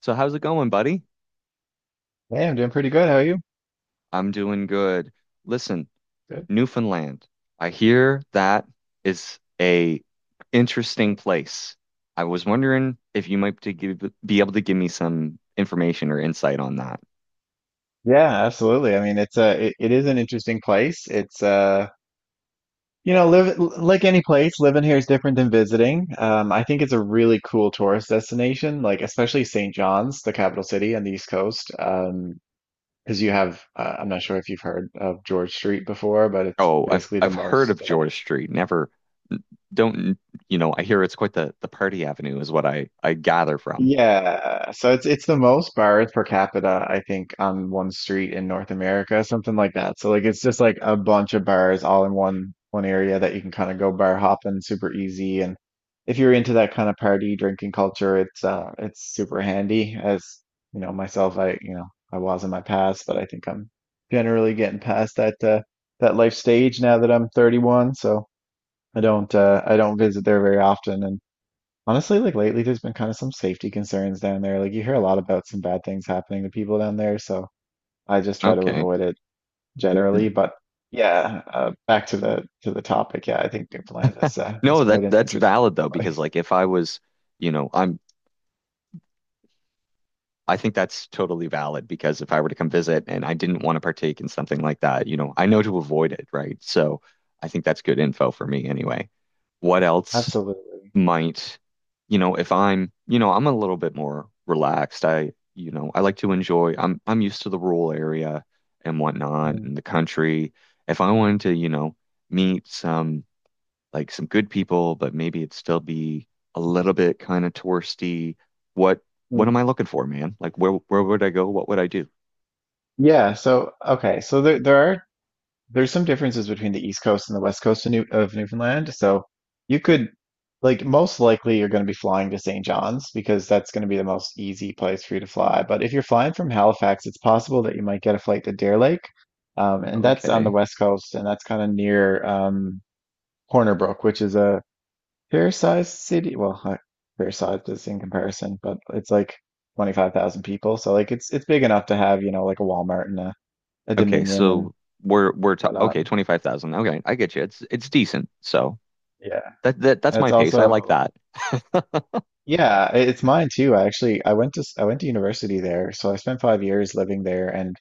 So how's it going, buddy? Hey, I'm doing pretty good. How are you? I'm doing good. Listen, Good. Newfoundland. I hear that is a interesting place. I was wondering if you be able to give me some information or insight on that. Yeah, absolutely. I mean, it is an interesting place. It's live like any place, living here is different than visiting. I think it's a really cool tourist destination, like especially St. John's, the capital city on the East Coast. Because you have I'm not sure if you've heard of George Street before, but it's Oh, I've basically the I've heard of most George Street. Never don't you know, I hear it's quite the party avenue is what I gather from. Yeah, so it's the most bars per capita, I think, on one street in North America, something like that. So like it's just like a bunch of bars all in one area that you can kind of go bar hopping super easy. And if you're into that kind of party drinking culture, it's it's super handy. As you know, myself, I I was in my past, but I think I'm generally getting past that life stage now that I'm 31. So I don't visit there very often, and honestly, like lately, there's been kind of some safety concerns down there. Like you hear a lot about some bad things happening to people down there, so I just try to Okay. avoid it generally. N- But yeah, back to the topic. Yeah, I think Newfoundland is No, quite that an that's interesting valid though, because place. like if I was, you know, I'm I think that's totally valid because if I were to come visit and I didn't want to partake in something like that, you know, I know to avoid it, right? So I think that's good info for me anyway. What else Absolutely. might, you know, if I'm, you know, I'm a little bit more relaxed. I like to enjoy. I'm used to the rural area and whatnot Mm, and the country. If I wanted to, you know, meet some like some good people, but maybe it'd still be a little bit kind of touristy. What what am mm. I looking for, man? Like where would I go? What would I do? Yeah. So okay, so there are there's some differences between the East Coast and the West Coast of, Newfoundland. So you could, like, most likely you're going to be flying to St. John's because that's going to be the most easy place for you to fly. But if you're flying from Halifax, it's possible that you might get a flight to Deer Lake. And that's on the Okay. West Coast, and that's kind of near Corner Brook, which is a fair-sized city. Fair-sized is in comparison, but it's like 25,000 people. So, like, it's big enough to have, you know, like a Walmart and a Okay, Dominion and so we're ta whatnot. okay, 25,000. Okay, I get you. It's decent. So Yeah. that's And it's my pace. I like also, that. yeah, it's mine too. I actually I went to s- I went to university there, so I spent 5 years living there, and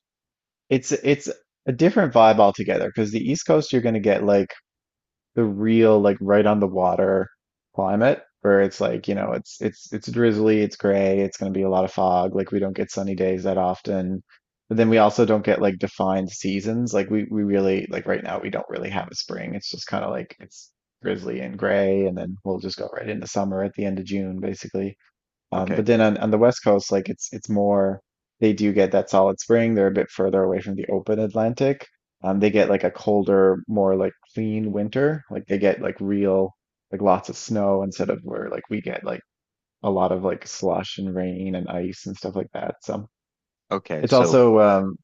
it's a different vibe altogether. Because the East Coast, you're going to get like the real like right on the water climate where it's like, you know, it's drizzly, it's gray, it's going to be a lot of fog. Like we don't get sunny days that often. But then we also don't get like defined seasons. Like we really like right now we don't really have a spring. It's just kind of like it's drizzly and gray and then we'll just go right into summer at the end of June basically. Okay. But then on the West Coast, like it's more they do get that solid spring. They're a bit further away from the open Atlantic. They get like a colder, more like clean winter. Like they get like real like lots of snow instead of where like we get like a lot of like slush and rain and ice and stuff like that. So Okay. it's So also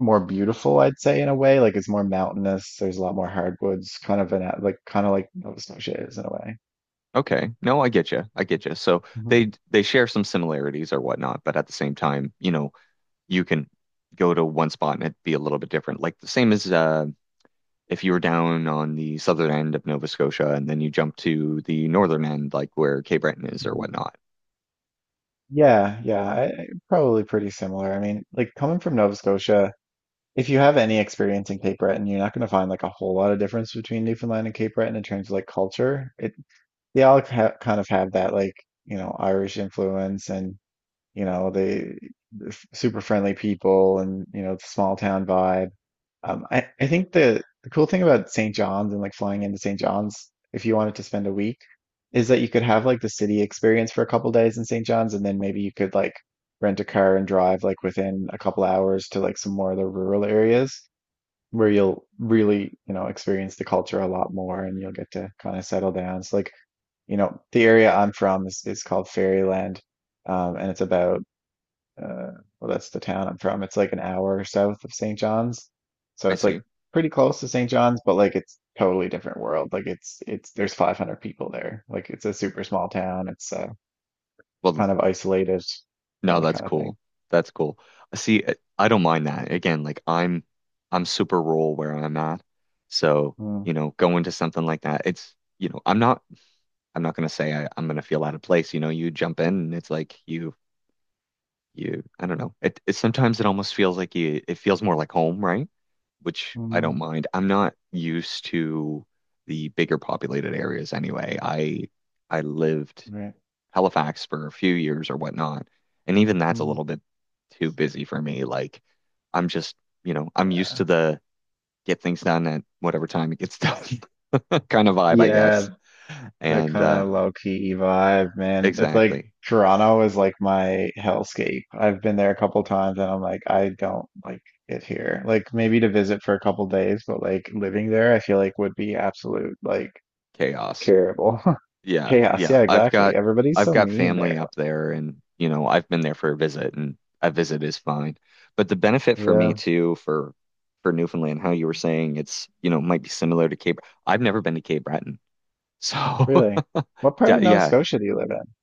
more beautiful, I'd say, in a way. Like it's more mountainous. There's a lot more hardwoods, kind of like kind of like Nova Scotia is in a way. Okay. No, I get you. I get you. So they share some similarities or whatnot, but at the same time, you know, you can go to one spot and it'd be a little bit different. Like the same as if you were down on the southern end of Nova Scotia and then you jump to the northern end, like where Cape Breton is or Mhm. whatnot. Yeah, yeah, probably pretty similar. I mean, like coming from Nova Scotia, if you have any experience in Cape Breton, you're not going to find like a whole lot of difference between Newfoundland and Cape Breton in terms of like culture. It they all ha kind of have that like you know Irish influence and you know they're super friendly people and you know the small town vibe. I think the cool thing about St. John's and like flying into St. John's, if you wanted to spend a week, is that you could have like the city experience for a couple days in St. John's, and then maybe you could like rent a car and drive like within a couple hours to like some more of the rural areas where you'll really, you know, experience the culture a lot more and you'll get to kind of settle down. So like, you know, the area I'm from is called Fairyland, and it's about uh, well, that's the town I'm from. It's like an hour south of St. John's. So I it's like see. pretty close to St. John's, but like it's totally different world. Like it's there's 500 people there. Like it's a super small town. It's Well, kind of isolated, you know, no, that that's kind of cool. thing. That's cool. See, I don't mind that. Again, I'm super rural where I'm at, so Mm, you know, going to something like that, it's you know, I'm not. I'm not gonna say I'm gonna feel out of place. You know, you jump in and it's like you I don't know. It sometimes it almost feels like you it feels more like home, right? Which I don't mhm, mind. I'm not used to the bigger populated areas anyway. I lived right. Halifax for a few years or whatnot, and even that's a Mm. little bit too busy for me. Like I'm just, you know, I'm used to the get things done at whatever time it gets done kind of vibe, I guess. Yeah, that And kind of low key vibe, man. It's like exactly. Toronto is like my hellscape. I've been there a couple times and I'm like, I don't like it here. Like maybe to visit for a couple days, but like living there, I feel like would be absolute like Chaos. terrible Yeah, chaos. yeah. Yeah, I've exactly. got Everybody's I've so got mean family there. up there and you know, I've been there for a visit and a visit is fine. But the benefit for me Yeah, too for Newfoundland, how you were saying it's, you know, might be similar to Cape. I've never been to Cape Breton. So really. What part of Nova yeah, Scotia do you live in?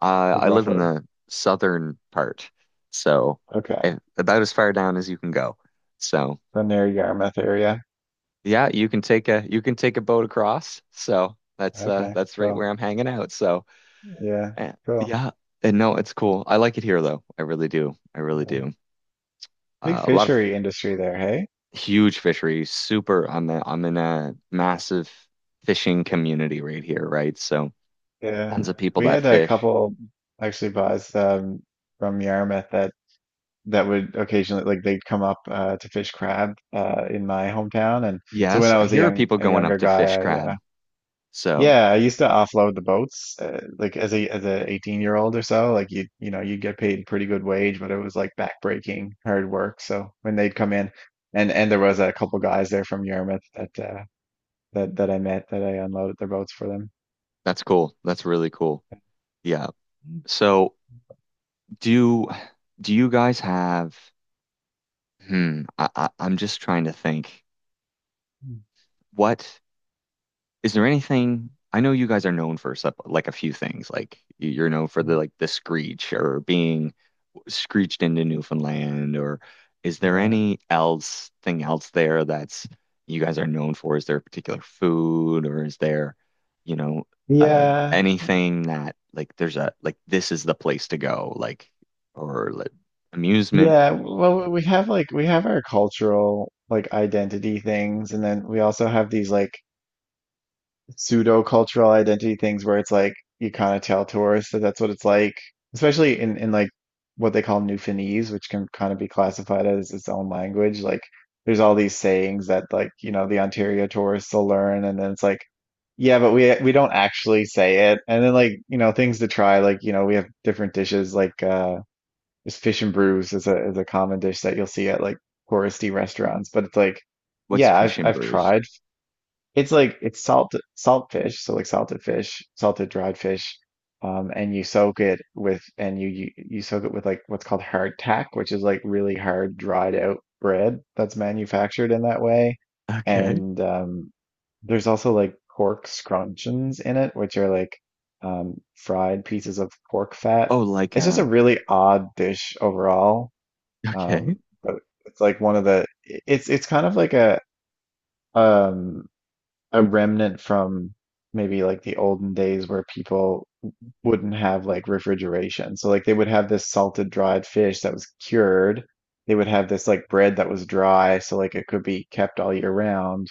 uh, Like I live in roughly. the southern part. So Okay. eh, about as far down as you can go. So So near Yarmouth area. yeah, you can take a boat across. So Okay, that's right cool. where I'm hanging out. So Yeah, eh, cool. yeah, and no, it's cool. I like it here though. I really do. I really Yeah. do. Big A lot of fishery industry there, hey? huge fisheries. Super. I'm in a massive fishing community right here, right? So Yeah, tons of people we that had a fish. couple actually buys from Yarmouth that would occasionally like they'd come up to fish crab in my hometown, and so when Yes, I I was hear of people a going up younger to guy, fish I crab. So yeah I used to offload the boats like as a 18-year-old or so like you know you'd get paid pretty good wage, but it was like backbreaking hard work. So when they'd come in, and there was a couple guys there from Yarmouth that that I met that I unloaded their boats for them. that's cool. That's really cool. Yeah. So do do you guys have? Hmm. I'm just trying to think. Mhm. What? Is there anything I know you guys are known for like a few things like you're known for the like the screech or being screeched into Newfoundland or is there Yeah. any else thing else there that's you guys are known for? Is there a particular food or is there, you know, Yeah. anything that like there's a like this is the place to go like or like amusement? Yeah. Well, we have like we have our cultural like identity things, and then we also have these like pseudo cultural identity things where it's like you kind of tell tourists that that's what it's like, especially in like what they call Newfoundlandese, which can kind of be classified as its own language. Like there's all these sayings that like, you know, the Ontario tourists will learn, and then it's like yeah, but we don't actually say it. And then like, you know, things to try, like, you know, we have different dishes like is fish and brews is a common dish that you'll see at like touristy restaurants. But it's like, What's yeah, Fish I've and I've Brews? tried. It's like it's salt salt fish, so like salted fish, salted dried fish, and you soak it with and you soak it with like what's called hardtack, which is like really hard dried out bread that's manufactured in that way. Okay. And there's also like pork scrunchions in it, which are like fried pieces of pork fat. Oh, like It's just a um. really odd dish overall, Okay. um, but it's like one of the it's kind of like um a remnant from maybe like the olden days where people wouldn't have like refrigeration. So like they would have this salted dried fish that was cured. They would have this like bread that was dry, so like it could be kept all year round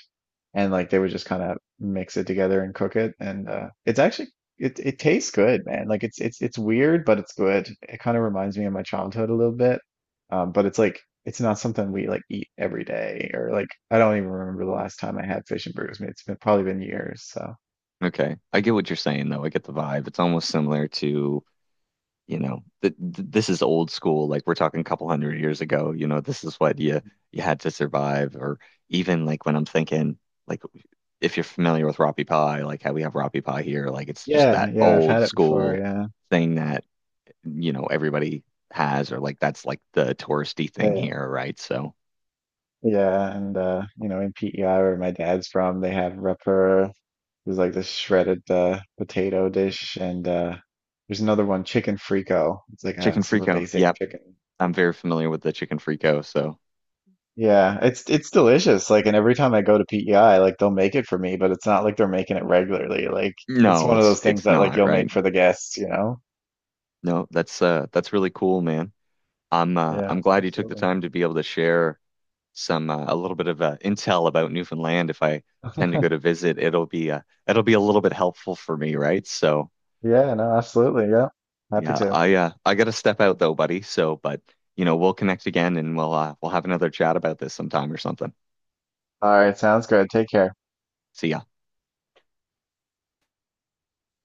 and like they would just kind of mix it together and cook it and it's actually it tastes good man like it's weird but it's good. It kind of reminds me of my childhood a little bit, but it's like it's not something we like eat every day or like I don't even remember the last time I had fish and burgers. I mean, it's been probably been years so Okay. I get what you're saying though. I get the vibe. It's almost similar to, you know, th th this is old school. Like we're talking a couple 100 years ago, you know, this is what you had to survive. Or even like when I'm thinking, like if you're familiar with Roppie Pie, like how we have Roppie Pie here, like it's just yeah that yeah I've old had it before. school Yeah. thing that, you know, everybody has, or like that's like the touristy thing Uh, here, right? So yeah and you know in PEI where my dad's from they have Rapper. There's like this shredded potato dish, and there's another one, chicken frico. It's like a chicken super frico. basic Yep. chicken I'm soup. very familiar with the chicken frico. So Yeah, it's delicious. Like, and every time I go to PEI, like they'll make it for me, but it's not like they're making it regularly. Like, it's no, one of those things it's that like not, you'll make right? for the guests, you know? No, that's really cool, man. Yeah, I'm glad you took the absolutely. time to be able to share some a little bit of intel about Newfoundland. If I tend to go to visit, it'll be a little bit helpful for me, right? So Yeah, no, absolutely. Yeah, happy yeah, to. I gotta step out though, buddy. So, but you know, we'll connect again and we'll have another chat about this sometime or something. All right, sounds good. Take care. See ya.